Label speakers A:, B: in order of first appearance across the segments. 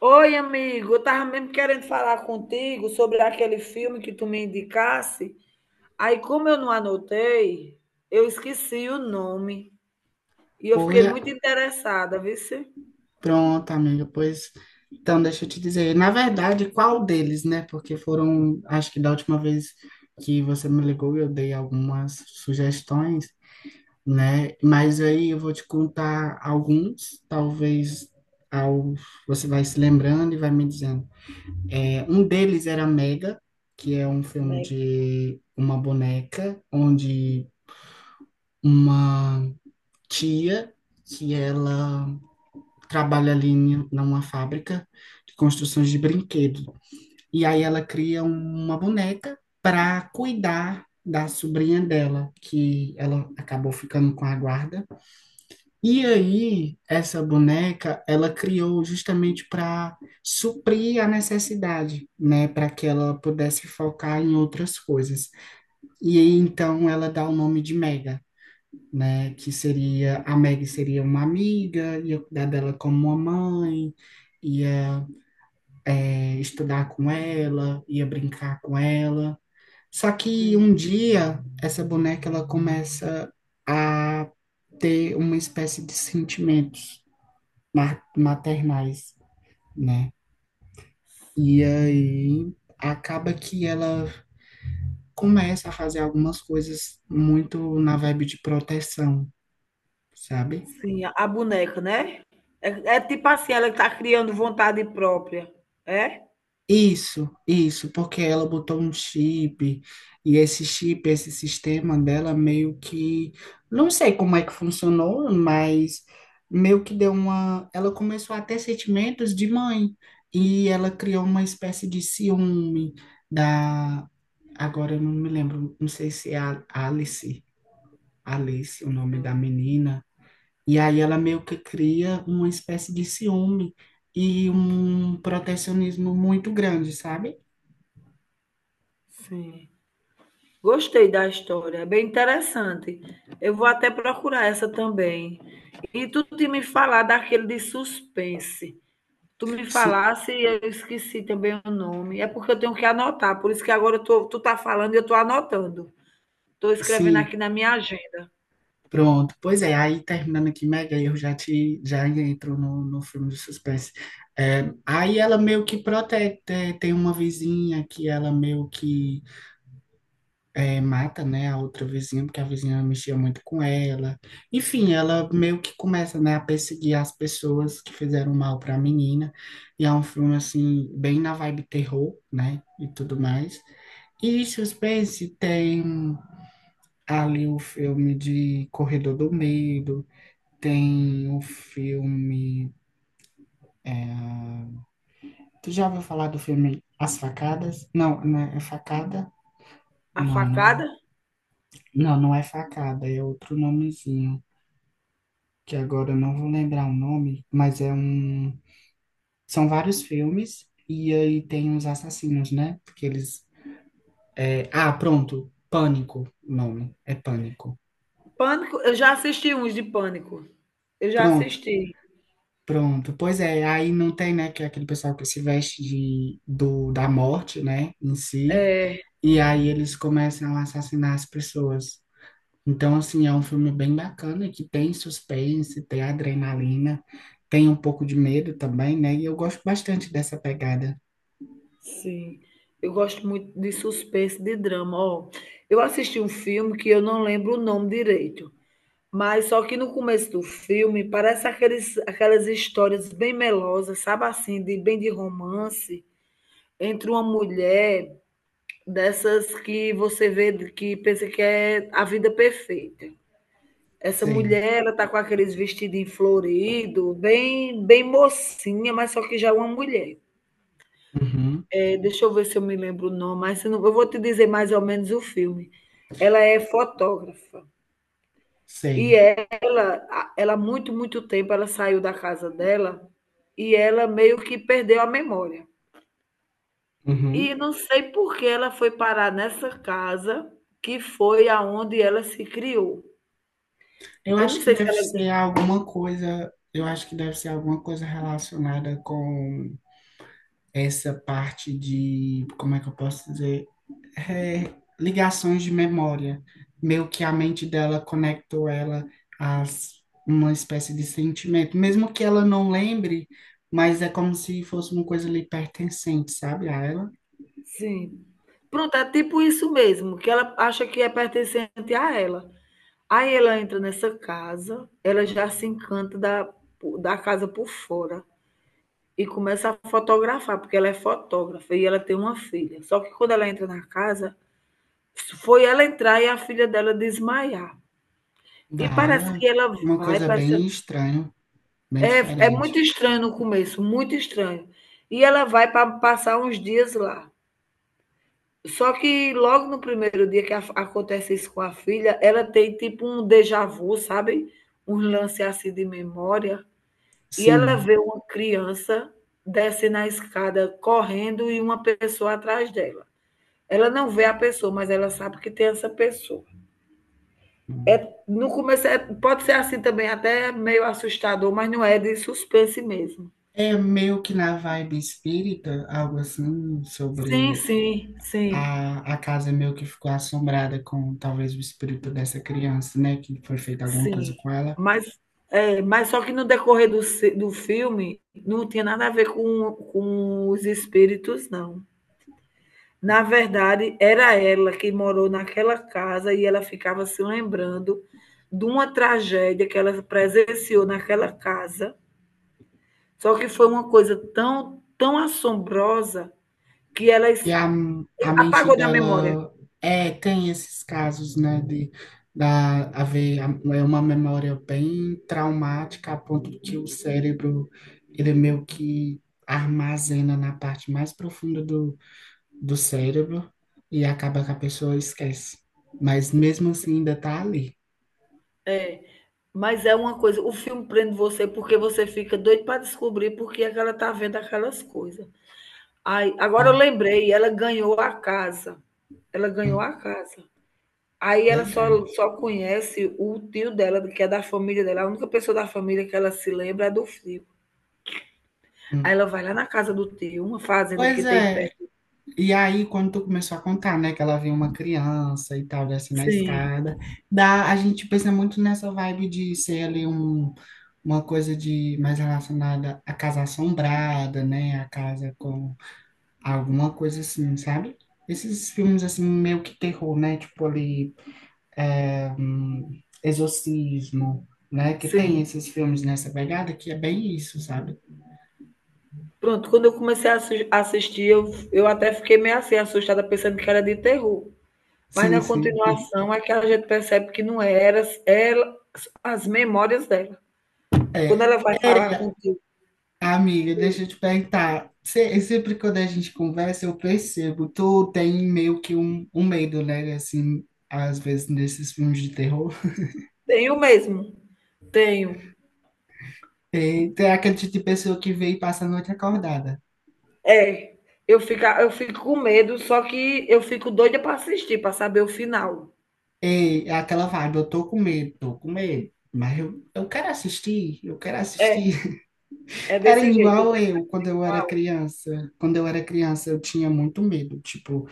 A: Oi, amigo, eu tava mesmo querendo falar contigo sobre aquele filme que tu me indicasse. Aí, como eu não anotei, eu esqueci o nome e eu fiquei
B: Olha,
A: muito interessada, viu? Se?
B: pronto, amiga, pois então deixa eu te dizer, na verdade, qual deles, né? Porque foram, acho que da última vez que você me ligou, eu dei algumas sugestões, né? Mas aí eu vou te contar alguns, talvez ao, você vai se lembrando e vai me dizendo. Um deles era Mega, que é um filme
A: Meg-
B: de uma boneca, onde uma tia que ela trabalha ali em numa fábrica de construções de brinquedo. E aí ela cria uma boneca para cuidar da sobrinha dela, que ela acabou ficando com a guarda. E aí essa boneca ela criou justamente para suprir a necessidade, né, para que ela pudesse focar em outras coisas. E aí então ela dá o nome de Mega, né? Que seria, a Meg seria uma amiga, ia cuidar dela como uma mãe, ia estudar com ela, ia brincar com ela. Só que
A: Sim,
B: um dia, essa boneca, ela começa a ter uma espécie de sentimentos maternais, né? E aí acaba que ela começa a fazer algumas coisas muito na vibe de proteção, sabe?
A: sim, a boneca, né? É, é tipo assim, ela tá criando vontade própria, é?
B: Isso, porque ela botou um chip e esse chip, esse sistema dela meio que, não sei como é que funcionou, mas meio que deu uma, ela começou a ter sentimentos de mãe e ela criou uma espécie de ciúme da, agora eu não me lembro, não sei se é a Alice, Alice, o nome da
A: Sim,
B: menina, e aí ela meio que cria uma espécie de ciúme e um protecionismo muito grande, sabe?
A: sim. Gostei da história, é bem interessante. Eu vou até procurar essa também. E tu tinha me falar daquele de suspense. Tu me
B: Si-
A: falasse e eu esqueci também o nome. É porque eu tenho que anotar, por isso que agora eu tô, tu tá falando e eu tô anotando. Tô escrevendo
B: Sim,
A: aqui na minha agenda.
B: pronto. Pois é, aí terminando aqui, mega eu já te já entro no filme de suspense. Aí ela meio que protege, tem uma vizinha que ela meio que mata, né, a outra vizinha, porque a vizinha mexia muito com ela. Enfim, ela meio que começa, né, a perseguir as pessoas que fizeram mal para a menina. E é um filme, assim, bem na vibe terror, né, e tudo mais. E suspense tem ali o filme de Corredor do Medo, tem o filme. é, Tu já ouviu falar do filme As Facadas? Não, não é é facada?
A: A
B: Não, não,
A: facada?
B: não, não é facada, é outro nomezinho, que agora eu não vou lembrar o nome, mas é um. São vários filmes, e aí tem os assassinos, né? Porque eles. Ah, pronto, Pânico, o nome, é Pânico.
A: Pânico, eu já assisti uns de pânico. Eu já
B: Pronto,
A: assisti.
B: pronto, pois é, aí não tem, né, que é aquele pessoal que se veste de, do, da morte, né, em si, e aí eles começam a assassinar as pessoas. Então, assim, é um filme bem bacana, que tem suspense, tem adrenalina, tem um pouco de medo também, né, e eu gosto bastante dessa pegada.
A: Sim. Eu gosto muito de suspense, de drama, ó. Eu assisti um filme que eu não lembro o nome direito, mas só que no começo do filme parece aqueles, aquelas histórias bem melosas, sabe assim, de bem de romance, entre uma mulher dessas que você vê que pensa que é a vida perfeita. Essa
B: Sei,
A: mulher, ela tá com aqueles vestidinhos florido, bem, bem mocinha, mas só que já é uma mulher.
B: uhum,
A: É, deixa eu ver se eu me lembro o nome, mas se não, eu vou te dizer mais ou menos o filme. Ela é fotógrafa e
B: sei,
A: ela muito, muito tempo, ela saiu da casa dela e ela meio que perdeu a memória.
B: uhum.
A: E não sei por que ela foi parar nessa casa que foi aonde ela se criou.
B: Eu
A: Eu não
B: acho que
A: sei se
B: deve
A: ela
B: ser alguma coisa, eu acho que deve ser alguma coisa relacionada com essa parte de, como é que eu posso dizer? Ligações de memória. Meio que a mente dela conectou ela a s- uma espécie de sentimento, mesmo que ela não lembre, mas é como se fosse uma coisa ali pertencente, sabe? A ela,
A: sim. Pronto, é tipo isso mesmo, que ela acha que é pertencente a ela. Aí ela entra nessa casa, ela já se encanta da, da casa por fora e começa a fotografar, porque ela é fotógrafa e ela tem uma filha. Só que quando ela entra na casa, foi ela entrar e a filha dela desmaiar. E parece
B: a
A: que ela
B: uma
A: vai,
B: coisa
A: parece,
B: bem estranha, bem
A: é, é muito
B: diferente.
A: estranho no começo, muito estranho. E ela vai para passar uns dias lá. Só que logo no primeiro dia que a- acontece isso com a filha, ela tem tipo um déjà vu, sabe? Um lance assim de memória. E ela
B: Sim.
A: vê uma criança desce na escada correndo e uma pessoa atrás dela. Ela não vê a pessoa, mas ela sabe que tem essa pessoa. É, no começo é- pode ser assim também, até meio assustador, mas não é de suspense mesmo.
B: É meio que na vibe espírita, algo assim,
A: Sim,
B: sobre
A: sim, sim.
B: a casa meio que ficou assombrada com talvez o espírito dessa criança, né? Que foi feita alguma coisa
A: Sim,
B: com ela.
A: mas, é, mas só que no decorrer do, ci- do filme não tinha nada a ver com os espíritos, não. Na verdade, era ela que morou naquela casa e ela ficava se lembrando de uma tragédia que ela presenciou naquela casa. Só que foi uma coisa tão, tão assombrosa que ela
B: Que
A: es-
B: a mente
A: apagou da memória.
B: dela tem esses casos, né, haver é uma memória bem traumática, a ponto que o cérebro, ele meio que armazena na parte mais profunda do cérebro e acaba que a pessoa esquece. Mas mesmo assim ainda tá ali.
A: É, mas é uma coisa, o filme prende você porque você fica doido para descobrir por que é que ela tá vendo aquelas coisas. Ai, agora eu
B: Né?
A: lembrei, ela ganhou a casa. Ela ganhou
B: Hum,
A: a casa. Aí ela
B: legal.
A: só conhece o tio dela, que é da família dela, a única pessoa da família que ela se lembra é do filho. Aí
B: Hum.
A: ela vai lá na casa do tio, uma fazenda que
B: Pois
A: tem
B: é.
A: perto.
B: E aí, quando tu começou a contar, né, que ela viu uma criança e tal, assim, na
A: Sim,
B: escada, dá, a gente pensa muito nessa vibe de ser ali um, uma coisa de mais relacionada à casa assombrada, né, a casa com alguma coisa assim, sabe? Esses filmes, assim, meio que terror, né, tipo ali, é, hum, Exorcismo, né, que tem
A: sim.
B: esses filmes nessa pegada que é bem isso, sabe?
A: Pronto, quando eu comecei a assis assistir, eu até fiquei meio assim, assustada, pensando que era de terror. Mas
B: Sim,
A: na
B: sim.
A: continuação é que a gente percebe que não era ela as memórias dela.
B: É,
A: Quando ela vai falar
B: é,
A: com o
B: amiga, deixa eu te perguntar. Sempre quando a gente conversa, eu percebo. Tu tem meio que um medo, né? Assim, às vezes nesses filmes de terror.
A: "Tenho mesmo, tenho".
B: E tem aquele tipo de pessoa que vem e passa a noite acordada.
A: É, eu fico com medo, só que eu fico doida para assistir, para saber o final.
B: E é aquela vibe, eu tô com medo, tô com medo. Mas eu quero assistir, eu quero
A: É,
B: assistir.
A: é
B: Era
A: desse jeito, o
B: igual eu quando eu era
A: final.
B: criança. Quando eu era criança, eu tinha muito medo.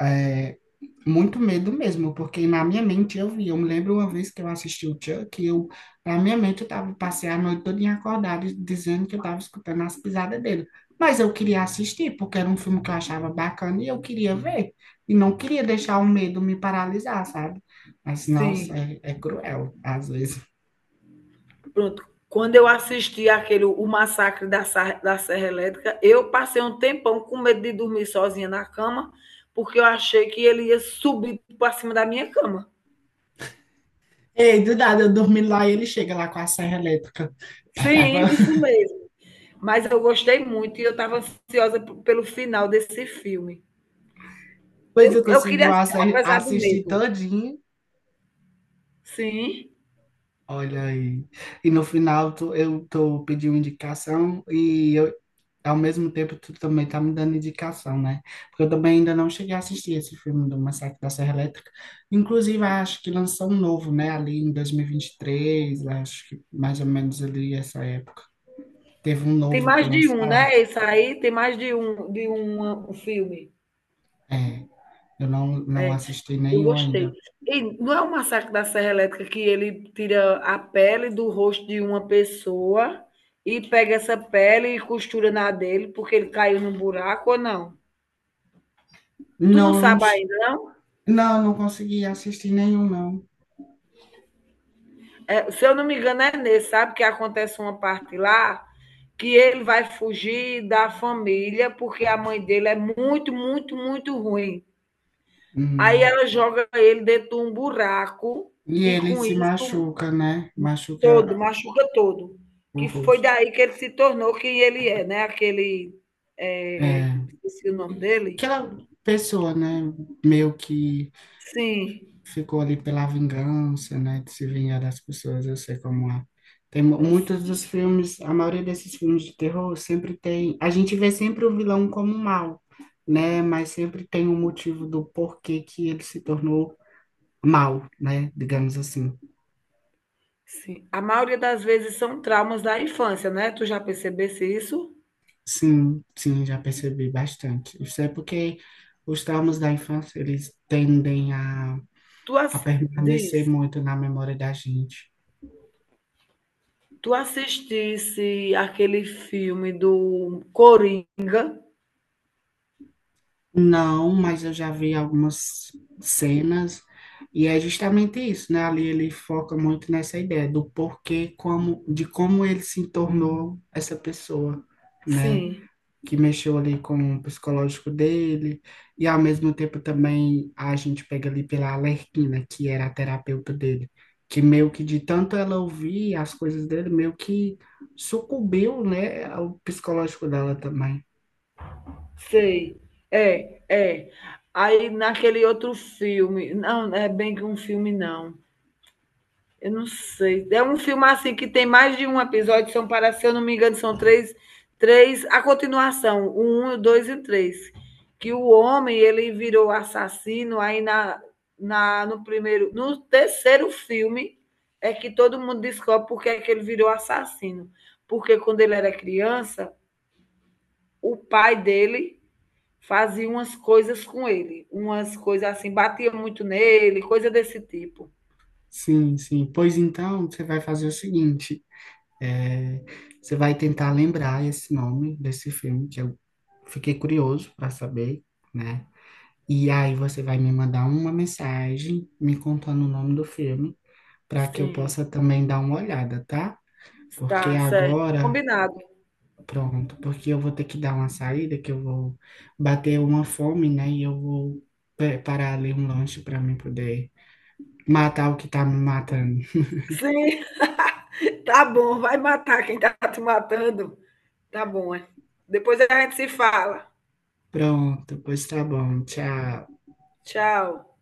B: é, Muito medo mesmo, porque na minha mente eu vi. Eu me lembro uma vez que eu assisti o Chuck, na minha mente eu tava, passei a noite toda acordada dizendo que eu estava escutando as pisadas dele. Mas eu queria assistir, porque era um filme que eu achava bacana e eu queria ver. E não queria deixar o medo me paralisar, sabe? Mas,
A: Sim,
B: nossa, é cruel, às vezes.
A: pronto. Quando eu assisti aquele O Massacre da, Sar- da Serra Elétrica, eu passei um tempão com medo de dormir sozinha na cama, porque eu achei que ele ia subir para cima da minha cama.
B: Ei, do nada, eu dormi lá e ele chega lá com a serra elétrica.
A: Sim, isso mesmo. Mas eu gostei muito e eu estava ansiosa p- pelo final desse filme.
B: Depois
A: Eu,
B: eu
A: eu
B: consegui
A: queria assistir, apesar do
B: assistir
A: medo.
B: todinho.
A: Sim.
B: Olha aí. E no final eu tô pedindo indicação ao mesmo tempo tu também tá me dando indicação, né? Porque eu também ainda não cheguei a assistir esse filme do Massacre da Serra Elétrica. Inclusive, acho que lançou um novo, né? Ali em 2023, acho que mais ou menos ali essa época. Teve um
A: Tem
B: novo que
A: mais de um,
B: lançaram.
A: né? Esse aí tem mais de um, um filme.
B: É, eu não
A: É,
B: assisti
A: eu
B: nenhum
A: gostei.
B: ainda.
A: E não é o Massacre da Serra Elétrica que ele tira a pele do rosto de uma pessoa e pega essa pele e costura na dele porque ele caiu num buraco ou não? Tu não
B: Não, eu não,
A: sabe
B: che-
A: ainda, não?
B: não, eu não consegui assistir nenhum, não.
A: É, se eu não me engano, é nesse, sabe? Que acontece uma parte lá que ele vai fugir da família porque a mãe dele é muito, muito, muito ruim. Aí
B: Hum.
A: ela joga ele dentro de um buraco
B: E
A: e
B: ele
A: com
B: se
A: isso
B: machuca, né?
A: todo,
B: Machuca
A: machuca todo.
B: o
A: Que foi
B: rosto.
A: daí que ele se tornou quem ele é, né? Aquele. É,
B: É.
A: esqueci o nome dele.
B: Aquela pessoa, né? Meio que
A: Sim,
B: ficou ali pela vingança, né? De se vingar das pessoas, eu sei como é. Tem
A: é,
B: muitos dos filmes, a maioria desses filmes de terror sempre tem. A gente vê sempre o vilão como um mal, né? Mas sempre tem um motivo do porquê que ele se tornou mal, né? Digamos assim.
A: sim. A maioria das vezes são traumas da infância, né? Tu já percebesse isso?
B: Sim, sim, já percebi bastante. Isso é porque os traumas da infância, eles tendem
A: Tu
B: a
A: as- diz,
B: permanecer muito na memória da gente.
A: tu assistisse aquele filme do Coringa?
B: Não, mas eu já vi algumas cenas e é justamente isso, né? Ali ele foca muito nessa ideia do porquê, como, de como ele se tornou essa pessoa, né?
A: Sim.
B: Que mexeu ali com o psicológico dele e ao mesmo tempo também a gente pega ali pela Arlequina, que era a terapeuta dele, que meio que de tanto ela ouvir as coisas dele, meio que sucumbiu, né, ao psicológico dela também.
A: Sei. É, é. Aí naquele outro filme. Não, não é bem que um filme, não. Eu não sei. É um filme assim que tem mais de um episódio, são para, se eu não me engano, são três, três, a continuação, o um, o dois e o três. Que o homem ele virou assassino, aí no primeiro, no terceiro filme é que todo mundo descobre porque é que ele virou assassino. Porque quando ele era criança, o pai dele fazia umas coisas com ele, umas coisas assim, batia muito nele, coisa desse tipo.
B: Sim, sim. Pois então, você vai fazer o seguinte: é, você vai tentar lembrar esse nome desse filme, que eu fiquei curioso para saber, né? E aí você vai me mandar uma mensagem me contando o nome do filme, para que eu
A: Sim,
B: possa também dar uma olhada, tá? Porque
A: está certo,
B: agora,
A: combinado.
B: pronto, porque eu vou ter que dar uma saída, que eu vou bater uma fome, né? E eu vou preparar ali um lanche para mim poder matar o que tá me matando.
A: Sim, tá bom, vai matar quem tá te matando. Tá bom, é. Depois a gente se fala.
B: Pronto, pois tá bom. Tchau.
A: Tchau.